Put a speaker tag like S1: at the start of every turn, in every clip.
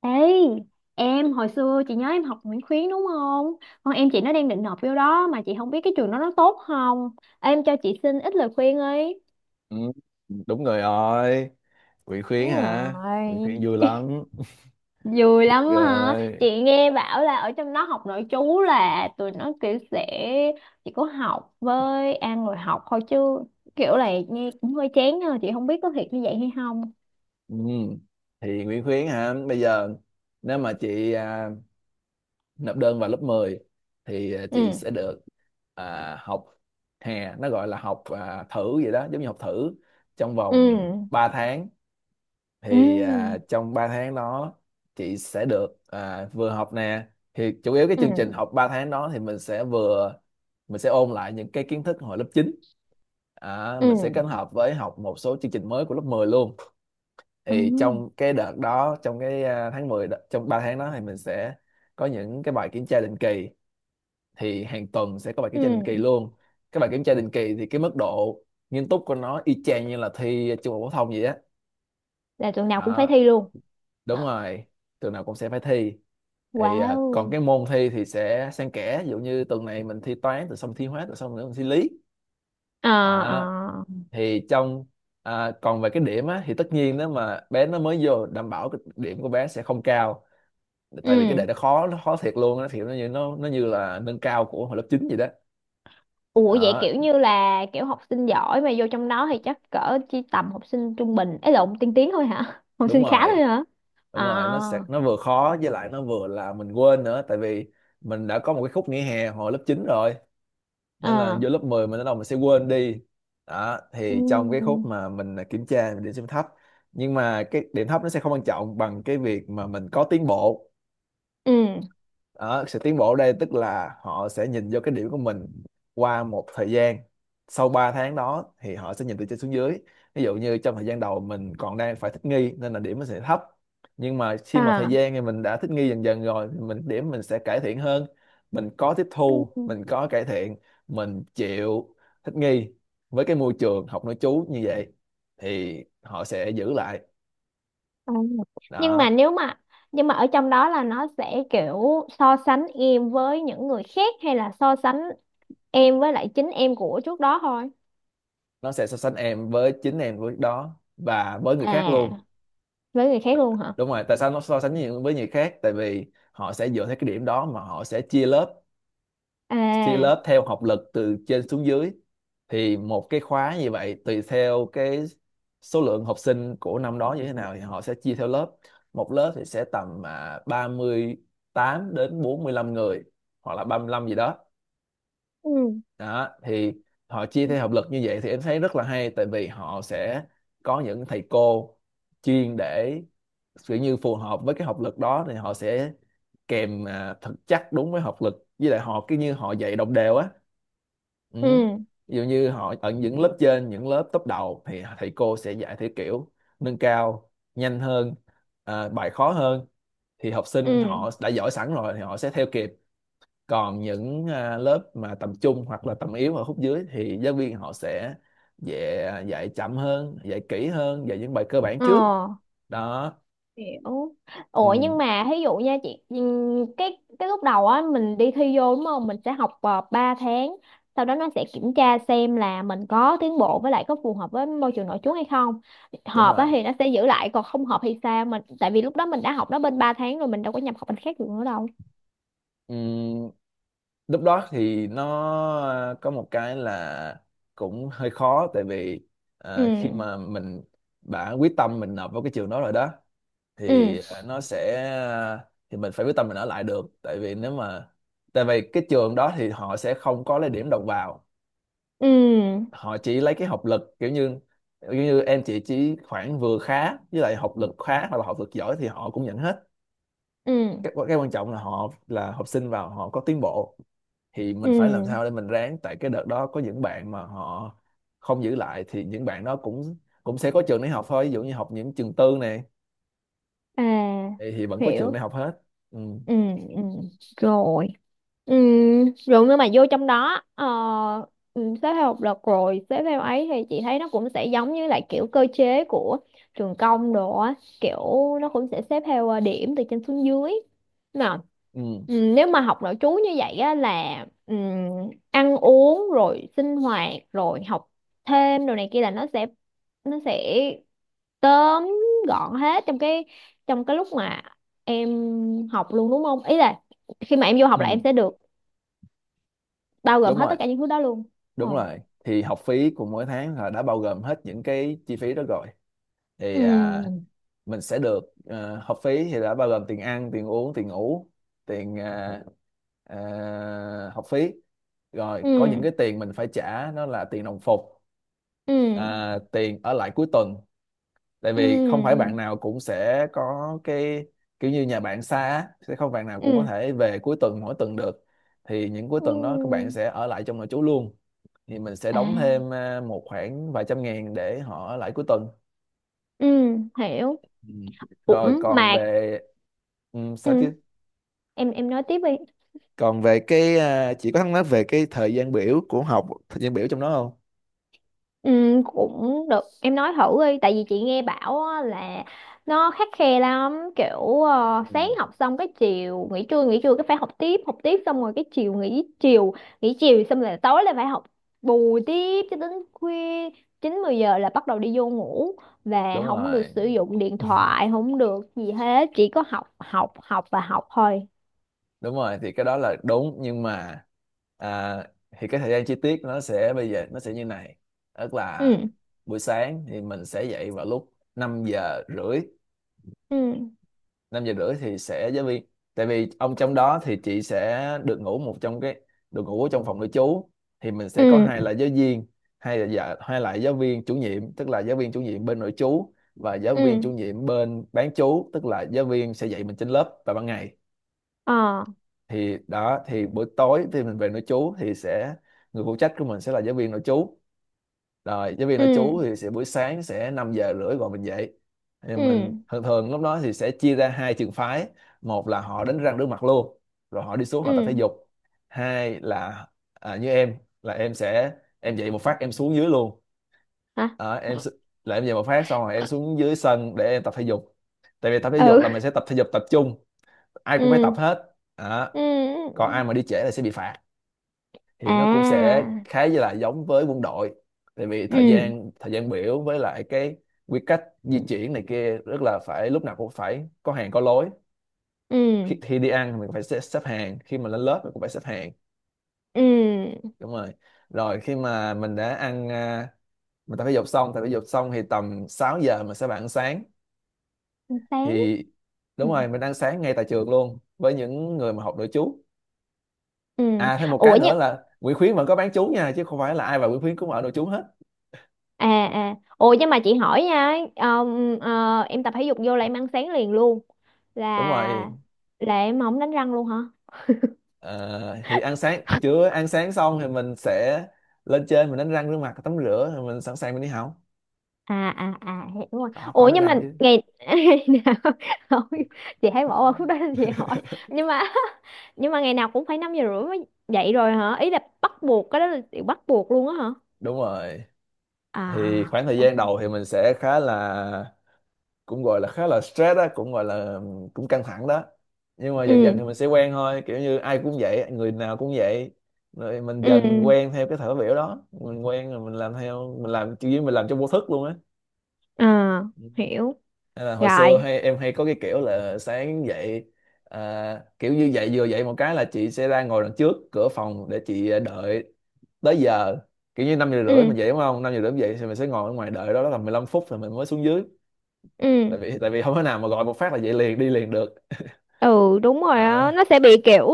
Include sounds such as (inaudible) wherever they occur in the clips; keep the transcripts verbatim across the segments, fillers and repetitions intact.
S1: Ê, em hồi xưa chị nhớ em học Nguyễn Khuyến đúng không? Con em chị nó đang định nộp vô đó mà chị không biết cái trường đó nó tốt không. Em cho chị xin ít lời khuyên ấy.
S2: Ừ, đúng rồi rồi Nguyễn Khuyến
S1: Đúng
S2: hả? Nguyễn
S1: rồi.
S2: Khuyến vui lắm. (laughs)
S1: Vui lắm hả?
S2: Rồi.
S1: Chị nghe bảo là ở trong đó học nội trú là tụi nó kiểu sẽ chỉ có học với ăn rồi học thôi chứ kiểu là nghe cũng hơi chán nha, chị không biết có thiệt như vậy hay không.
S2: Ừ. Thì Nguyễn Khuyến hả, bây giờ nếu mà chị à, nộp đơn vào lớp mười thì à, chị
S1: Ừ.
S2: sẽ được à, học hè, nó gọi là học à, thử vậy đó, giống như học thử trong vòng
S1: Ừ.
S2: ba tháng.
S1: Ừ.
S2: Thì à, trong ba tháng đó chị sẽ được à, vừa học nè, thì chủ yếu cái
S1: Ừ.
S2: chương trình học ba tháng đó thì mình sẽ vừa mình sẽ ôn lại những cái kiến thức hồi lớp chín. À, mình sẽ
S1: Ừ.
S2: kết hợp với học một số chương trình mới của lớp mười luôn.
S1: Ừ.
S2: Thì trong cái đợt đó, trong cái à, tháng mười đó- trong ba tháng đó thì mình sẽ có những cái bài kiểm tra định kỳ. Thì hàng tuần sẽ có bài kiểm tra định kỳ
S1: Ừ.
S2: luôn. Cái bài kiểm tra định kỳ thì cái mức độ nghiêm túc của nó y chang như là thi trung học phổ thông vậy á.
S1: Là tuần nào cũng phải
S2: Đó.
S1: thi luôn.
S2: Đúng rồi, tuần nào cũng sẽ phải thi. Thì à, còn
S1: Wow.
S2: cái môn thi thì sẽ xen kẽ, ví dụ như tuần này mình thi toán rồi xong thi hóa rồi xong nữa mình thi lý.
S1: Ờ. Ờ.
S2: Đó thì trong à, còn về cái điểm á thì tất nhiên nếu mà bé nó mới vô, đảm bảo cái điểm của bé sẽ không cao, tại vì cái đề
S1: Ừ.
S2: nó khó, nó khó thiệt luôn á, thì nó như nó nó như là nâng cao của hồi lớp chín vậy đó.
S1: Ủa, vậy
S2: Đó,
S1: kiểu như là kiểu học sinh giỏi mà vô trong đó thì chắc cỡ chỉ tầm học sinh trung bình ấy lộn tiên tiến thôi hả (laughs) học
S2: đúng
S1: sinh khá
S2: rồi,
S1: thôi hả?
S2: đúng rồi. Nó sẽ
S1: Ờ.
S2: nó vừa khó với lại nó vừa là mình quên nữa, tại vì mình đã có một cái khúc nghỉ hè hồi lớp chín rồi, nên là
S1: Ờ.
S2: vô lớp mười mình bắt đầu mình sẽ quên đi. Đó thì trong cái
S1: Ừ.
S2: khúc mà mình à, kiểm tra mình điểm xem thấp, nhưng mà cái điểm thấp nó sẽ không quan trọng bằng cái việc mà mình có tiến bộ.
S1: Ừ.
S2: Đó, sự tiến bộ ở đây tức là họ sẽ nhìn vô cái điểm của mình qua một thời gian. Sau ba tháng đó thì họ sẽ nhìn từ trên xuống dưới, ví dụ như trong thời gian đầu mình còn đang phải thích nghi nên là điểm nó sẽ thấp, nhưng mà khi mà thời
S1: À.
S2: gian thì mình đã thích nghi dần dần rồi thì mình điểm mình sẽ cải thiện hơn. Mình có tiếp
S1: Ừ.
S2: thu, mình có cải thiện, mình chịu thích nghi với cái môi trường học nội trú như vậy thì họ sẽ giữ lại.
S1: Ờ. nhưng mà
S2: Đó,
S1: nếu mà nhưng mà ở trong đó là nó sẽ kiểu so sánh em với những người khác hay là so sánh em với lại chính em của trước đó thôi.
S2: nó sẽ so sánh em với chính em với đó và với người khác
S1: À,
S2: luôn.
S1: với người khác luôn hả?
S2: Đúng rồi, tại sao nó so sánh nhiều với người khác? Tại vì họ sẽ dựa theo cái điểm đó mà họ sẽ chia lớp, chia
S1: À.
S2: lớp theo học lực từ trên xuống dưới. Thì một cái khóa như vậy tùy theo cái số lượng học sinh của năm đó như thế nào thì họ sẽ chia theo lớp. Một lớp thì sẽ tầm à, ba mươi tám đến bốn mươi lăm người, hoặc là ba mươi lăm gì đó.
S1: Ừ.
S2: Đó thì họ chia theo học lực như vậy thì em thấy rất là hay, tại vì họ sẽ có những thầy cô chuyên để kiểu như phù hợp với cái học lực đó, thì họ sẽ kèm à, thật chắc đúng với học lực, với lại họ cứ như họ dạy đồng đều á. Ừ.
S1: Ừ.
S2: Ví dụ như họ ở những lớp trên, những lớp top đầu thì thầy cô sẽ dạy theo kiểu nâng cao nhanh hơn, à, bài khó hơn, thì học sinh
S1: Ừ.
S2: họ đã giỏi sẵn rồi thì họ sẽ theo kịp. Còn những à, lớp mà tầm trung hoặc là tầm yếu ở khúc dưới thì giáo viên họ sẽ dạy, à, dạy chậm hơn, dạy kỹ hơn, dạy những bài cơ bản
S1: Ờ.
S2: trước đó.
S1: Hiểu. Ủa,
S2: Ừ,
S1: nhưng mà ví dụ nha chị, ừm, cái cái lúc đầu á mình đi thi vô đúng không, mình sẽ học uh, ba tháng, sau đó nó sẽ kiểm tra xem là mình có tiến bộ với lại có phù hợp với môi trường nội trú hay không,
S2: đúng
S1: hợp á
S2: rồi.
S1: thì nó sẽ giữ lại, còn không hợp thì sao mình, tại vì lúc đó mình đã học nó bên ba tháng rồi mình đâu có nhập học bên khác được nữa đâu.
S2: Ừ, lúc đó thì nó à, có một cái là cũng hơi khó, tại vì
S1: Ừ.
S2: à, khi mà mình đã quyết tâm mình nộp vào cái trường đó rồi đó,
S1: Ừ.
S2: thì à, nó sẽ à, thì mình phải quyết tâm mình ở lại được, tại vì nếu mà tại vì cái trường đó thì họ sẽ không có lấy điểm đầu vào.
S1: Ừ.
S2: Họ chỉ lấy cái học lực kiểu như kiểu như em chị chỉ khoảng vừa khá, với lại học lực khá hoặc là học lực giỏi thì họ cũng nhận hết.
S1: Ừ.
S2: Cái, cái quan trọng là họ là học sinh vào họ có tiến bộ, thì mình phải làm
S1: Ừ.
S2: sao để mình ráng, tại cái đợt đó có những bạn mà họ không giữ lại thì những bạn đó cũng cũng sẽ có trường để học thôi, ví dụ như học những trường tư này
S1: À.
S2: thì, thì vẫn có trường để
S1: Hiểu.
S2: học hết. Ừ.
S1: Ừ. Ừ. Rồi. Ừ, rồi nhưng mà vô trong đó, ờ, ừ, xếp theo học lực rồi xếp theo ấy thì chị thấy nó cũng sẽ giống như lại kiểu cơ chế của trường công đồ á, kiểu nó cũng sẽ xếp theo ờ, điểm từ trên xuống dưới nào.
S2: Ừ.
S1: Ừ, nếu mà học nội trú như vậy á là ừ, ăn uống rồi sinh hoạt rồi học thêm đồ này kia là nó sẽ nó sẽ tóm gọn hết trong cái trong cái lúc mà em học luôn đúng không, ý là khi mà em vô học là em
S2: Ừ.
S1: sẽ được bao gồm
S2: Đúng
S1: hết
S2: rồi,
S1: tất cả những thứ đó luôn. Ừ.
S2: đúng rồi. Thì học phí của mỗi tháng là đã bao gồm hết những cái chi phí đó rồi, thì à,
S1: Ừ.
S2: mình sẽ được ờ, học phí thì đã bao gồm tiền ăn, tiền uống, tiền ngủ, tiền à, à, học phí. Rồi có những
S1: Ừ.
S2: cái tiền mình phải trả, nó là tiền đồng phục,
S1: Ừ.
S2: à, tiền ở lại cuối tuần, tại
S1: Ừ.
S2: vì không phải bạn nào cũng sẽ có cái kiểu như nhà bạn xa á, sẽ không bạn nào cũng có
S1: Ừ.
S2: thể về cuối tuần mỗi tuần được, thì những cuối
S1: Ừ.
S2: tuần đó các bạn sẽ ở lại trong nội trú luôn. Thì mình sẽ đóng
S1: À.
S2: thêm à, một khoảng vài trăm ngàn để họ ở lại cuối tuần.
S1: Ừ. Hiểu.
S2: Ừ. Rồi
S1: Cũng
S2: còn
S1: mạc.
S2: về, ừ, sao
S1: Ừ,
S2: chứ?
S1: em em nói tiếp đi.
S2: Còn về cái à, chị có thắc mắc về cái thời gian biểu của học, thời gian biểu trong đó không?
S1: Ừ, cũng được em nói thử đi tại vì chị nghe bảo á là nó khắt khe lắm kiểu ờ,
S2: Ừ,
S1: sáng học xong cái chiều nghỉ trưa, nghỉ trưa cái phải học tiếp học tiếp xong rồi cái chiều nghỉ chiều nghỉ chiều xong là tối là phải học bù tiếp cho đến khuya, chín mười giờ là bắt đầu đi vô ngủ và
S2: đúng
S1: không được
S2: rồi,
S1: sử dụng điện thoại không được gì hết, chỉ có học học học và học thôi.
S2: đúng rồi. Thì cái đó là đúng nhưng mà à, thì cái thời gian chi tiết nó sẽ bây giờ nó sẽ như này, tức là
S1: Ừ.
S2: buổi sáng thì mình sẽ dậy vào lúc năm giờ rưỡi.
S1: Ừ.
S2: Năm giờ rưỡi thì sẽ giáo viên, tại vì ông trong đó thì chị sẽ được ngủ một trong cái được ngủ ở trong phòng nội trú. Thì mình sẽ
S1: Ừ.
S2: có hai là giáo viên hay là dạ, hai lại giáo viên chủ nhiệm, tức là giáo viên chủ nhiệm bên nội trú và giáo viên chủ
S1: Ừ.
S2: nhiệm bên bán trú, tức là giáo viên sẽ dạy mình trên lớp vào ban ngày.
S1: Ờ.
S2: Thì đó, thì buổi tối thì mình về nội trú thì sẽ người phụ trách của mình sẽ là giáo viên nội trú. Rồi giáo viên nội
S1: Ừ.
S2: trú thì sẽ buổi sáng sẽ năm giờ rưỡi gọi mình dậy. Thì
S1: Ừ.
S2: mình thường thường lúc đó thì sẽ chia ra hai trường phái. Một là họ đánh răng rửa mặt luôn rồi họ đi xuống họ tập thể
S1: Ừ.
S2: dục. Hai là à, như em, là em sẽ em dậy một phát em xuống dưới luôn.
S1: Hả?
S2: Đó, em s- là em dậy một phát xong rồi em xuống dưới sân để em tập thể dục, tại vì tập thể dục
S1: Ừ.
S2: là mình sẽ tập thể dục tập trung, ai cũng phải tập
S1: Ừ.
S2: hết. Đó.
S1: Ừ. Ừ.
S2: Còn ai mà đi trễ là sẽ bị phạt. Thì nó cũng sẽ
S1: À.
S2: khá là giống với quân đội, tại vì thời
S1: Ừ.
S2: gian thời gian biểu với lại cái quy cách di chuyển này kia rất là phải lúc nào cũng phải có hàng có lối.
S1: Ừ.
S2: Khi, khi đi ăn thì mình phải xếp, xếp hàng, khi mà lên lớp mình cũng phải xếp hàng.
S1: Ừ.
S2: Đúng rồi. Rồi khi mà mình đã ăn, à, mình tập thể dục xong, tập thể dục xong thì tầm sáu giờ mình sẽ bạn ăn sáng.
S1: Sáng.
S2: Thì
S1: Ừ.
S2: đúng rồi, mình ăn sáng ngay tại trường luôn với những người mà học nội trú.
S1: Ừ.
S2: À thêm một cái
S1: ủa
S2: nữa
S1: nhưng
S2: là Nguyễn Khuyến vẫn có bán trú nha, chứ không phải là ai vào Nguyễn Khuyến cũng ở nội trú hết.
S1: à à ủa nhưng mà chị hỏi nha, um, ờ, em tập thể dục vô là em ăn sáng liền luôn,
S2: Đúng
S1: là
S2: rồi.
S1: là em không đánh răng luôn hả?
S2: Ờ, thì ăn sáng, chưa ăn sáng xong thì mình sẽ lên trên mình đánh răng rửa mặt tắm rửa rồi mình sẵn sàng mình đi học.
S1: À. À. À, hiểu rồi.
S2: Có có
S1: Ủa,
S2: đánh
S1: nhưng mà
S2: răng chứ.
S1: ngày (laughs) ngày nào? Không, chị thấy bỏ qua khúc đó nên chị
S2: (laughs)
S1: hỏi. Nhưng mà (laughs) nhưng mà ngày nào cũng phải năm giờ rưỡi mới dậy rồi hả, ý là bắt buộc cái đó là điều bắt buộc luôn á hả?
S2: Đúng rồi.
S1: À.
S2: Thì khoảng
S1: À.
S2: thời gian đầu thì mình sẽ khá là cũng gọi là khá là stress đó, cũng gọi là cũng căng thẳng đó. Nhưng mà dần dần
S1: Ừ.
S2: thì mình sẽ quen thôi, kiểu như ai cũng vậy, người nào cũng vậy. Rồi mình dần mình
S1: Ừ.
S2: quen theo cái thở biểu đó, mình quen rồi mình làm theo, mình làm chỉ mình làm cho vô thức luôn
S1: À,
S2: á.
S1: hiểu
S2: Hay là hồi xưa
S1: rồi.
S2: hay em hay có cái kiểu là sáng dậy, à, kiểu như dậy vừa dậy một cái là chị sẽ ra ngồi đằng trước cửa phòng để chị ờ, đợi tới giờ, kiểu như năm giờ rưỡi
S1: Ừ.
S2: mình dậy đúng không, năm giờ rưỡi mình dậy thì mình sẽ ngồi ở ngoài đợi. Đó, đó là mười lăm phút thì mình mới xuống dưới.
S1: Ừ.
S2: Tại vì tại vì không thể nào mà gọi một phát là dậy liền đi liền được.
S1: Ừ, đúng rồi
S2: Ờ.
S1: á, nó sẽ bị kiểu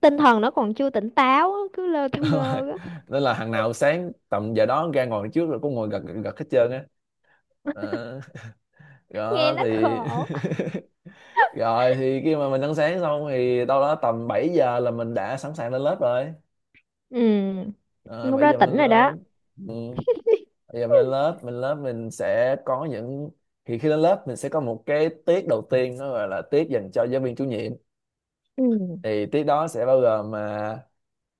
S1: tinh thần nó còn chưa tỉnh táo á, cứ lơ
S2: (laughs)
S1: thơ
S2: đúng rồi.
S1: mơ á.
S2: Nên là hàng nào sáng tầm giờ đó ra ngồi đằng trước rồi cũng ngồi gật gật, gật hết trơn á. Ờ.
S1: (laughs) Nghe
S2: Đó
S1: nó
S2: thì...
S1: khổ.
S2: (laughs) Rồi thì khi mà mình ăn sáng xong thì đâu đó tầm bảy giờ là mình đã sẵn sàng lên lớp rồi.
S1: Ừ,
S2: À,
S1: nhưng lúc
S2: bảy
S1: đó
S2: giờ mình lên
S1: tỉnh rồi
S2: lớp.
S1: đó.
S2: Ừ. bảy giờ mình lên lớp, mình lớp mình sẽ có những... Thì khi lên lớp mình sẽ có một cái tiết đầu tiên, nó gọi là tiết dành cho giáo viên chủ nhiệm.
S1: Ừ.
S2: Thì tiết đó sẽ bao gồm mà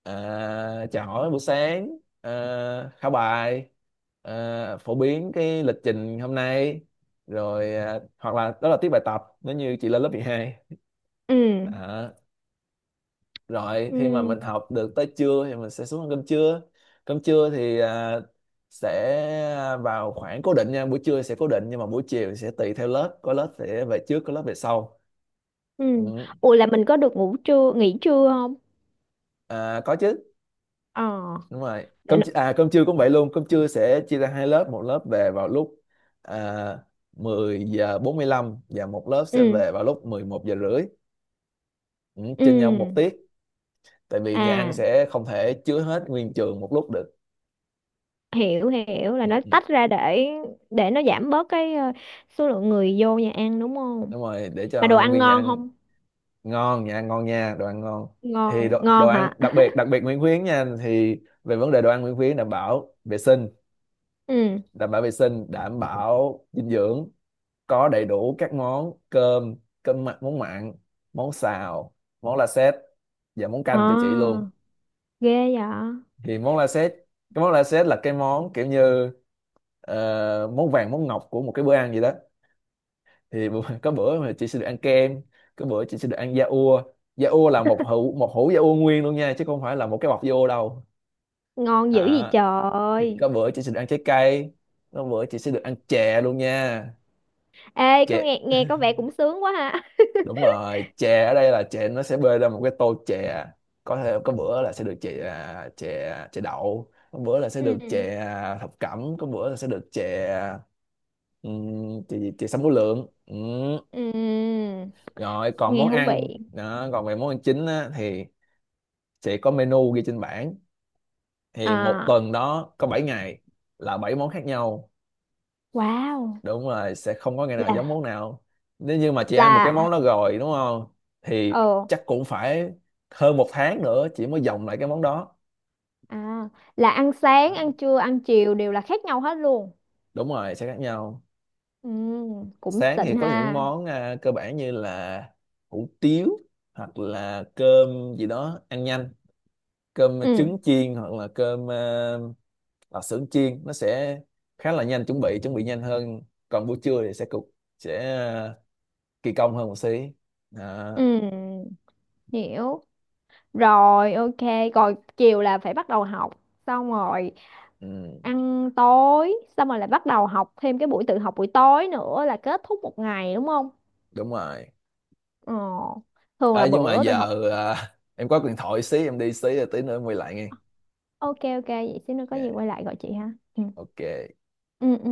S2: à, chào hỏi buổi sáng, à, khảo bài, à, phổ biến cái lịch trình hôm nay, rồi à, hoặc là đó là tiết bài tập nếu như chị lên lớp mười hai.
S1: Ừ.
S2: Đó. Rồi khi mà
S1: Ừ.
S2: mình học được tới trưa thì mình sẽ xuống ăn cơm trưa. Cơm trưa thì à, sẽ vào khoảng cố định nha, buổi trưa sẽ cố định, nhưng mà buổi chiều sẽ tùy theo lớp, có lớp sẽ về trước, có lớp về sau.
S1: Ừ.
S2: Ừ.
S1: Ủa, là mình có được ngủ trưa nghỉ trưa không?
S2: À, có chứ.
S1: Ờ.
S2: Đúng rồi,
S1: Để
S2: cơm
S1: nó...
S2: chi- à cơm trưa cũng vậy luôn, cơm trưa sẽ chia ra hai lớp, một lớp về vào lúc à, mười giờ bốn mươi lăm và một lớp sẽ
S1: Ừ.
S2: về vào lúc mười một giờ rưỡi. Ừ,
S1: Ừ.
S2: trên nhau một tiết. Tại vì nhà ăn
S1: À,
S2: sẽ không thể chứa hết nguyên trường một lúc được.
S1: hiểu, hiểu là
S2: Ừ.
S1: nó
S2: Ừ.
S1: tách ra để để nó giảm bớt cái ờ, số lượng người vô nhà ăn đúng không?
S2: Đúng rồi, để
S1: Mà
S2: cho
S1: đồ
S2: nhân
S1: ăn
S2: viên nhà
S1: ngon
S2: ăn...
S1: không?
S2: Ngon nha, ngon nha, đồ ăn ngon. Thì
S1: Ngon,
S2: đồ, đồ
S1: ngon hả?
S2: ăn đặc biệt, đặc biệt Nguyễn Khuyến nha, thì về vấn đề đồ ăn Nguyễn Khuyến đảm bảo vệ sinh,
S1: Ừ.
S2: đảm bảo vệ sinh, đảm bảo dinh dưỡng, có đầy đủ các món cơm, cơm mặn, món mặn, món xào, món la sét và món canh cho chị
S1: À,
S2: luôn.
S1: ghê vậy.
S2: Thì món la sét, cái món la sét là cái món kiểu như ờ, món vàng món ngọc của một cái bữa ăn gì đó. Thì (laughs) bữa- có bữa mà chị sẽ được ăn kem, có bữa chị sẽ được ăn da ua. Da ua là một hũ, một hũ da ua nguyên luôn nha, chứ không phải là một cái bọc da ua đâu.
S1: Ngon dữ gì
S2: À, thì
S1: trời.
S2: có bữa chị sẽ được ăn trái cây, có bữa chị sẽ được ăn chè luôn nha.
S1: Ê, có
S2: Chè.
S1: nghe nghe có vẻ cũng sướng quá ha.
S2: Đúng rồi, chè ở đây là chè nó sẽ bê ra một cái tô chè, có thể có bữa là sẽ được chè à, chè chè đậu, có bữa là
S1: (laughs)
S2: sẽ được
S1: Ừ.
S2: chè à, thập cẩm, có bữa là sẽ được chè um, chè, gì? Chè sâm vú lượng. Ừm.
S1: Ừ.
S2: Rồi còn
S1: Nghe
S2: món
S1: thú vị.
S2: ăn đó, còn về món ăn chính á, thì sẽ có menu ghi trên bảng. Thì một
S1: À.
S2: tuần đó có bảy ngày là bảy món khác nhau.
S1: Wow.
S2: Đúng rồi, sẽ không có ngày nào giống
S1: là
S2: món nào. Nếu như mà chị ăn một cái
S1: là
S2: món đó rồi đúng không, thì
S1: Ồ.
S2: chắc cũng phải hơn một tháng nữa chị mới dòng lại cái món đó.
S1: À, là ăn sáng ăn trưa ăn chiều đều là khác nhau hết luôn.
S2: Đúng rồi, sẽ khác nhau.
S1: Ừ. Cũng
S2: Sáng thì
S1: xịn
S2: có những
S1: ha.
S2: món à, cơ bản như là hủ tiếu hoặc là cơm gì đó ăn nhanh, cơm
S1: Ừ.
S2: trứng chiên, hoặc là cơm à, ở xưởng chiên, nó sẽ khá là nhanh, chuẩn bị chuẩn bị nhanh hơn. Còn buổi trưa thì sẽ cục, sẽ ờ, kỳ công hơn một xí. Đó.
S1: Ừ. Hiểu. Rồi, ok, rồi chiều là phải bắt đầu học, xong rồi
S2: Ừ,
S1: ăn tối, xong rồi lại bắt đầu học thêm cái buổi tự học buổi tối nữa là kết thúc một ngày đúng không?
S2: đúng rồi.
S1: Ờ, thường
S2: À,
S1: là
S2: nhưng mà
S1: bữa tự học.
S2: giờ à, (laughs) em có điện thoại xí, em đi xí rồi tí nữa em quay lại nghe.
S1: Ok, ok, vậy xíu nữa có
S2: Dạ,
S1: gì quay lại gọi chị ha. Ừ.
S2: ok.
S1: Ừ. Ừ.